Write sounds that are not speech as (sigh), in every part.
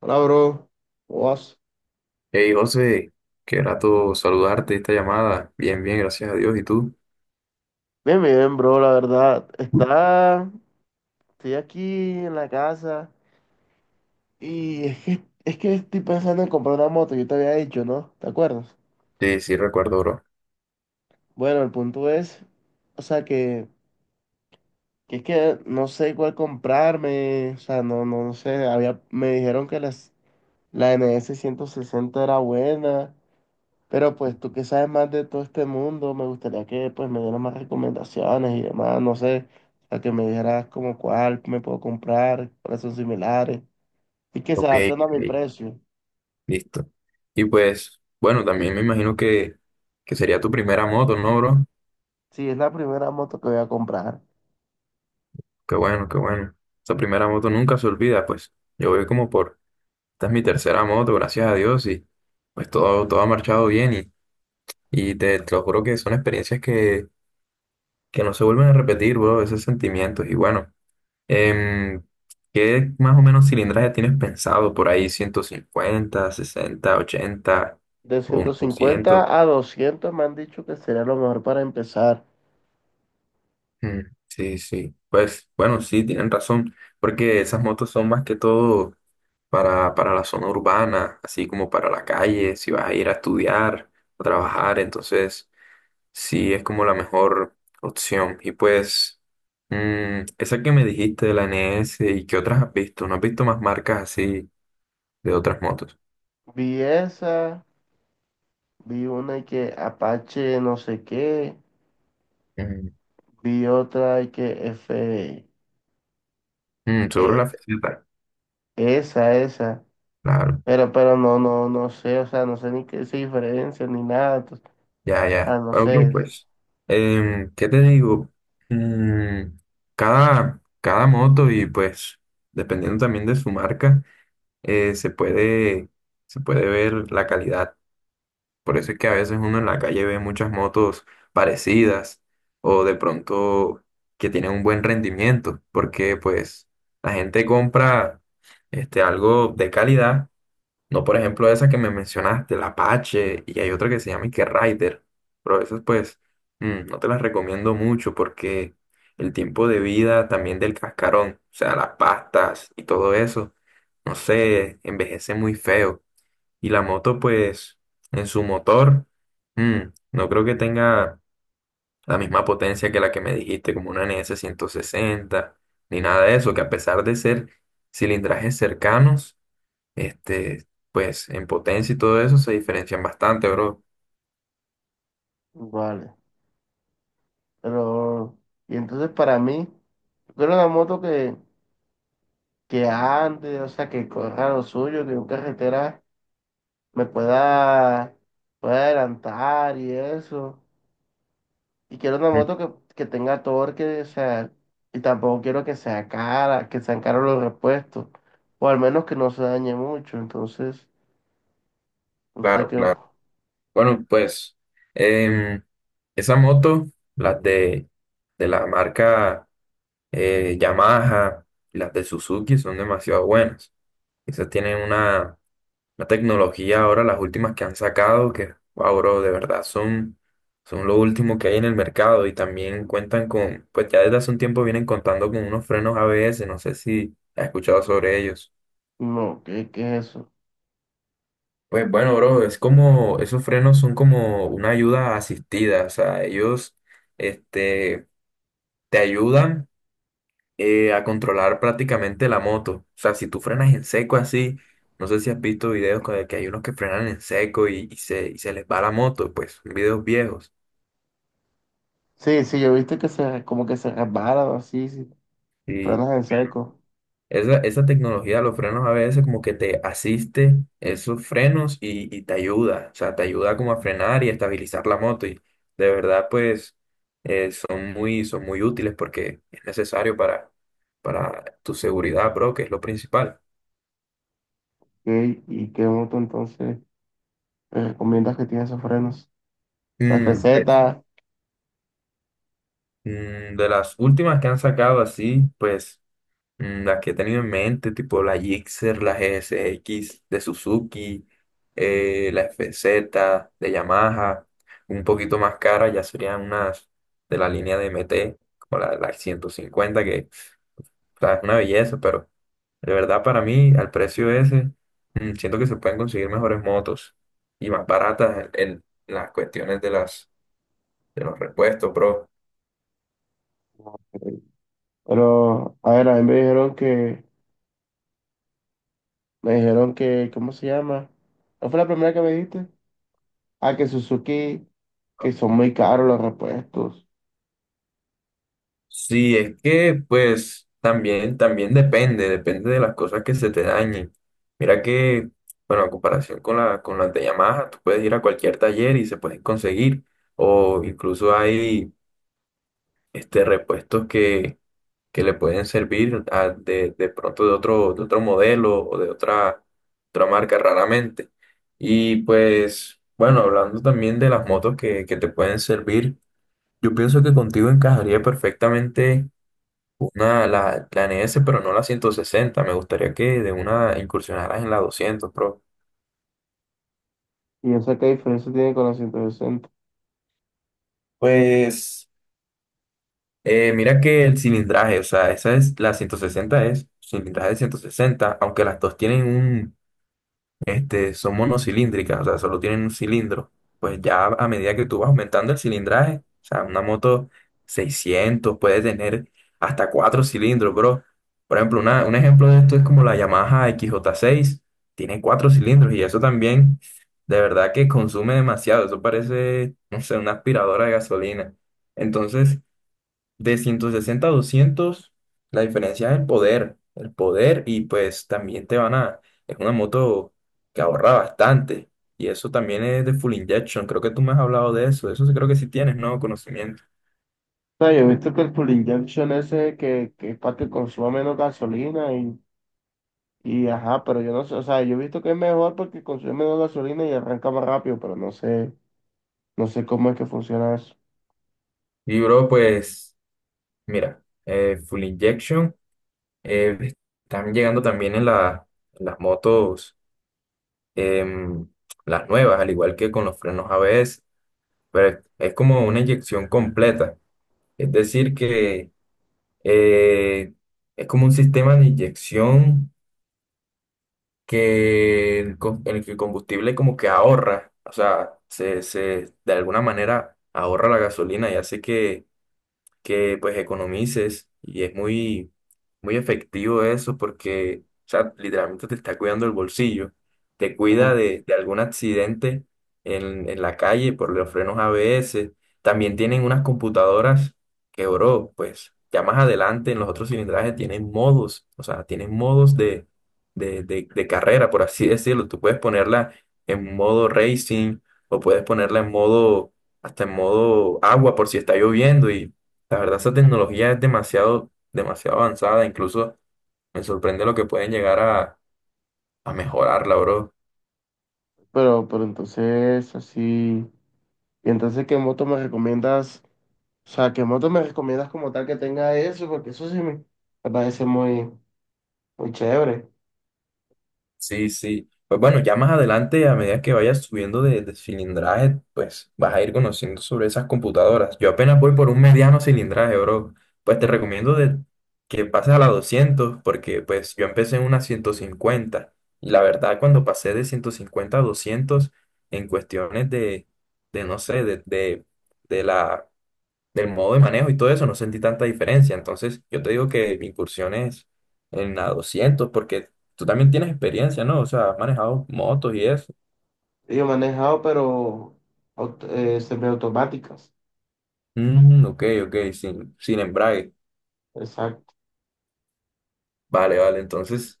Hola, bro. ¿Cómo vas? Hey José, qué grato saludarte esta llamada. Bien, bien, gracias a Dios. ¿Y tú? Bien, bien, bro, la verdad. Estoy aquí en la casa y es que estoy pensando en comprar una moto, yo te había dicho, ¿no? ¿Te acuerdas? Sí, sí, recuerdo, bro. Bueno, el punto es, o sea, que es que no sé cuál comprarme, o sea, no, no, no sé, había, me dijeron que la n s NS sesenta era buena. Pero pues tú que sabes más de todo este mundo, me gustaría que pues me dieras más recomendaciones y demás, no sé, a que me dijeras como cuál me puedo comprar, cuáles son similares y que se Ok, adapten a mi ok, precio. listo. Y pues, bueno, también me imagino que sería tu primera moto, ¿no, bro? Si es la primera moto que voy a comprar, Qué bueno, qué bueno. Esa primera moto nunca se olvida, pues. Yo voy como por, esta es mi tercera moto, gracias a Dios, y pues todo ha marchado bien. Y te lo juro que son experiencias que no se vuelven a repetir, bro, esos sentimientos. Y bueno. Em, ¿Qué más o menos cilindraje tienes pensado por ahí? ¿150, 60, 80 de o ciento unos 200? cincuenta a 200 me han dicho que sería lo mejor para empezar. Mm, sí, sí. Pues bueno, sí, tienen razón, porque esas motos son más que todo para la zona urbana, así como para la calle, si vas a ir a estudiar o trabajar, entonces sí es como la mejor opción. Y pues esa que me dijiste de la N S y qué otras has visto, ¿no has visto más marcas así de otras motos? Vi esa, vi una y que Apache no sé qué, vi otra y que F, Mm, seguro eh, la faceta. esa, esa. Claro, Pero no, no, no sé, o sea, no sé ni qué se diferencia ni nada, entonces, ya, ah, ya. no Bueno, sé, pues, ¿qué te digo? Mm, cada moto y pues, dependiendo también de su marca, eh, se puede, se puede ver la calidad. Por eso es que a veces uno en la calle ve muchas motos parecidas o de pronto que tienen un buen rendimiento, porque pues la gente compra este, algo de calidad. No, por ejemplo, esa que me mencionaste, la Apache, y hay otra que se llama Ike Rider, pero esas pues no te las recomiendo mucho porque el tiempo de vida también del cascarón, o sea, las pastas y todo eso, no sé, envejece muy feo. Y la moto pues en su motor, mm, no creo que tenga la misma potencia que la que me dijiste, como una NS sesenta ni nada de eso, que a pesar de ser cilindrajes cercanos, este, pues en potencia y todo eso se diferencian bastante, bro. vale, pero, y entonces para mí, yo quiero una moto que, ande, o sea, que corra lo suyo, que en carretera me pueda, pueda adelantar y eso, y quiero una Mm, moto que tenga torque, o sea, y tampoco quiero que sea cara, que sean caros los repuestos, o al menos que no se dañe mucho, entonces, no sé claro, qué, claro. Bueno, pues em, esa moto, las de la marca Yamaha y las de Suzuki son demasiado buenas. Esas tienen una tecnología ahora, las últimas que han sacado, que, wow, bro, de verdad son lo último que hay en el mercado y también cuentan con, pues ya desde hace un tiempo vienen contando con unos frenos ABS, no sé si has escuchado sobre ellos. no, qué es eso. Pues bueno, bro, es como, esos frenos son como una ayuda asistida, o sea, ellos, este, te ayudan a controlar prácticamente la moto. O sea, si tú frenas en seco así, no sé si has visto videos con el que hay unos que frenan en seco y se les va la moto, pues son videos viejos. Sí, sí, yo viste que como que se resbala así, sí, frenas en seco. Esa tecnología, los frenos a ABS como que te asiste esos frenos y te ayuda, o sea, te ayuda como a frenar y a estabilizar la moto y de verdad pues son muy útiles porque es necesario para tu seguridad, bro, que es lo principal. Y qué moto entonces te recomiendas que tiene esos frenos? La Pues, receta. De las últimas que han sacado así, pues las que he tenido en mente, tipo la Gixxer, la GSX de Suzuki, la FZ de Yamaha, un poquito más cara ya serían unas de la línea de MT, como la 150 que o sea, es una belleza, pero de verdad para mí, al precio ese, siento que se pueden conseguir mejores motos y más baratas en las cuestiones de los repuestos, bro. Pero, a ver, a mí me dijeron que, ¿cómo se llama? ¿No fue la primera que me dijiste? Ah, que Suzuki, que son muy caros los repuestos. Sí, es que pues también depende de las cosas que se te dañen. Mira que, bueno, en comparación con las de Yamaha, tú puedes ir a cualquier taller y se pueden conseguir. O incluso hay este, repuestos que le pueden servir de pronto de otro modelo o de otra marca raramente. Y pues, bueno, hablando también de las motos que te pueden servir, yo pienso que contigo encajaría perfectamente la NS, pero no la 160. Me gustaría que de una incursionaras en la 200, pro. Y eso qué diferencia tiene con la 160. Pues, mira que el cilindraje, o sea, la 160 es cilindraje de 160, aunque las dos tienen son monocilíndricas, o sea, solo tienen un cilindro. Pues ya a medida que tú vas aumentando el cilindraje, o sea, una moto 600 puede tener hasta cuatro cilindros, bro. Por ejemplo, un ejemplo de esto es como la Yamaha xj seis tiene cuatro cilindros y eso también, de verdad que consume demasiado, eso parece, no sé, una aspiradora de gasolina. Entonces, de 160 a 200 la diferencia es el poder y pues también es una moto que ahorra bastante y eso también es de full injection, creo que tú me has hablado de eso, eso sí creo que sí tienes, ¿no? Conocimiento. O sea, yo he visto que el fuel injection ese que es para que consuma menos gasolina y ajá, pero yo no sé, o sea, yo he visto que es mejor porque consume menos gasolina y arranca más rápido, pero no sé, no sé cómo es que funciona eso. Y bro, pues mira, full injection, eh, están llegando también en las motos, em, las nuevas, al igual que con los frenos a ABS, pero es como una inyección completa. Es decir, que Eh, es como un sistema de inyección en el que el combustible como que ahorra, o sea, de alguna manera ahorra la gasolina y hace que pues economices y es muy, muy efectivo eso porque, o sea, literalmente te está cuidando el bolsillo, te cuida Ujú. de algún accidente en la calle por los frenos ABS, también tienen unas computadoras que, bro, pues ya más adelante en los otros cilindrajes tienen modos, o sea, tienen modos de carrera, por así (laughs) decirlo, tú puedes ponerla en modo racing o puedes ponerla en modo hasta en modo agua por si está lloviendo y la verdad, esa tecnología es demasiado, demasiado avanzada. Incluso me sorprende lo que pueden llegar a mejorarla, bro. Pero entonces, así, y entonces, ¿qué moto me recomiendas? O sea, ¿qué moto me recomiendas como tal que tenga eso? Porque eso sí me parece muy, muy chévere. Sí, sí. Pues bueno, ya más adelante, a medida que vayas subiendo de cilindraje, pues vas a ir conociendo sobre esas computadoras. Yo apenas voy por un mediano cilindraje, bro. Pues te recomiendo que pases a la 200 porque pues yo empecé en una 150. Y la verdad, cuando pasé de 150 a 200 en cuestiones de no sé, de la del modo de manejo y todo eso, no sentí tanta diferencia. Entonces, yo te digo que mi incursión es en la 200 porque tú también tienes experiencia, ¿no? O sea, has manejado motos y eso. Yo he manejado, pero semiautomáticas. Mm, ok, ok, sin embrague. Exacto. Vale, vale, entonces.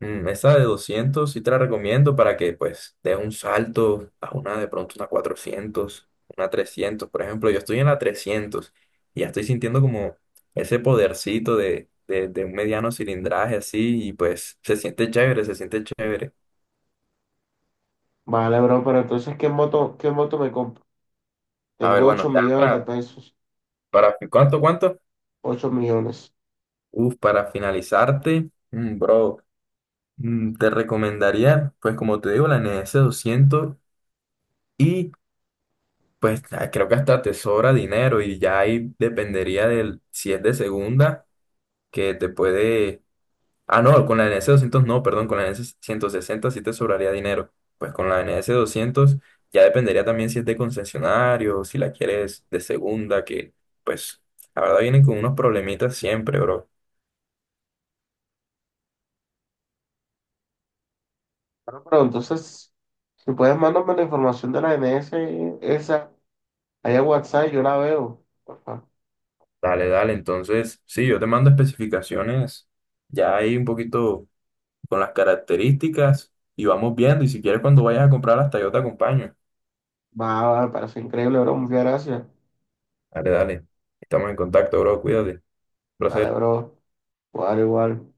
Esta de 200 sí te la recomiendo para que pues des un salto a una de pronto una cuatrocientos, una trescientos. Por ejemplo, yo estoy en la 300 y ya estoy sintiendo como ese podercito de un mediano cilindraje así y pues se siente chévere, se siente chévere. Vale, bro, pero entonces, ¿qué moto me compro? A ver, Tengo bueno, 8 ya millones de para, pesos, para ¿cuánto, cuánto? 8 millones. Uf, para finalizarte, bro, te recomendaría pues como te digo la N S 200 y pues creo que hasta te sobra dinero y ya ahí dependería del si es de segunda, que te puede. Ah, no, con la N S doscientos no, perdón, con la N S ciento sesenta sí te sobraría dinero. Pues con la N S doscientos ya dependería también si es de concesionario, si la quieres de segunda, que pues la verdad vienen con unos problemitas siempre, bro. Bueno, pero entonces, si puedes, mándame la información de la N S esa, allá en WhatsApp, yo la veo. Porfa. Dale, dale, entonces sí, yo te mando especificaciones ya ahí un poquito con las características y vamos viendo y si quieres cuando vayas a comprar hasta yo te acompaño. Va, va, me parece increíble, bro. Muchas gracias. Dale, dale. Estamos en contacto, bro. Cuídate. Dale, Placer. bro. Igual, igual.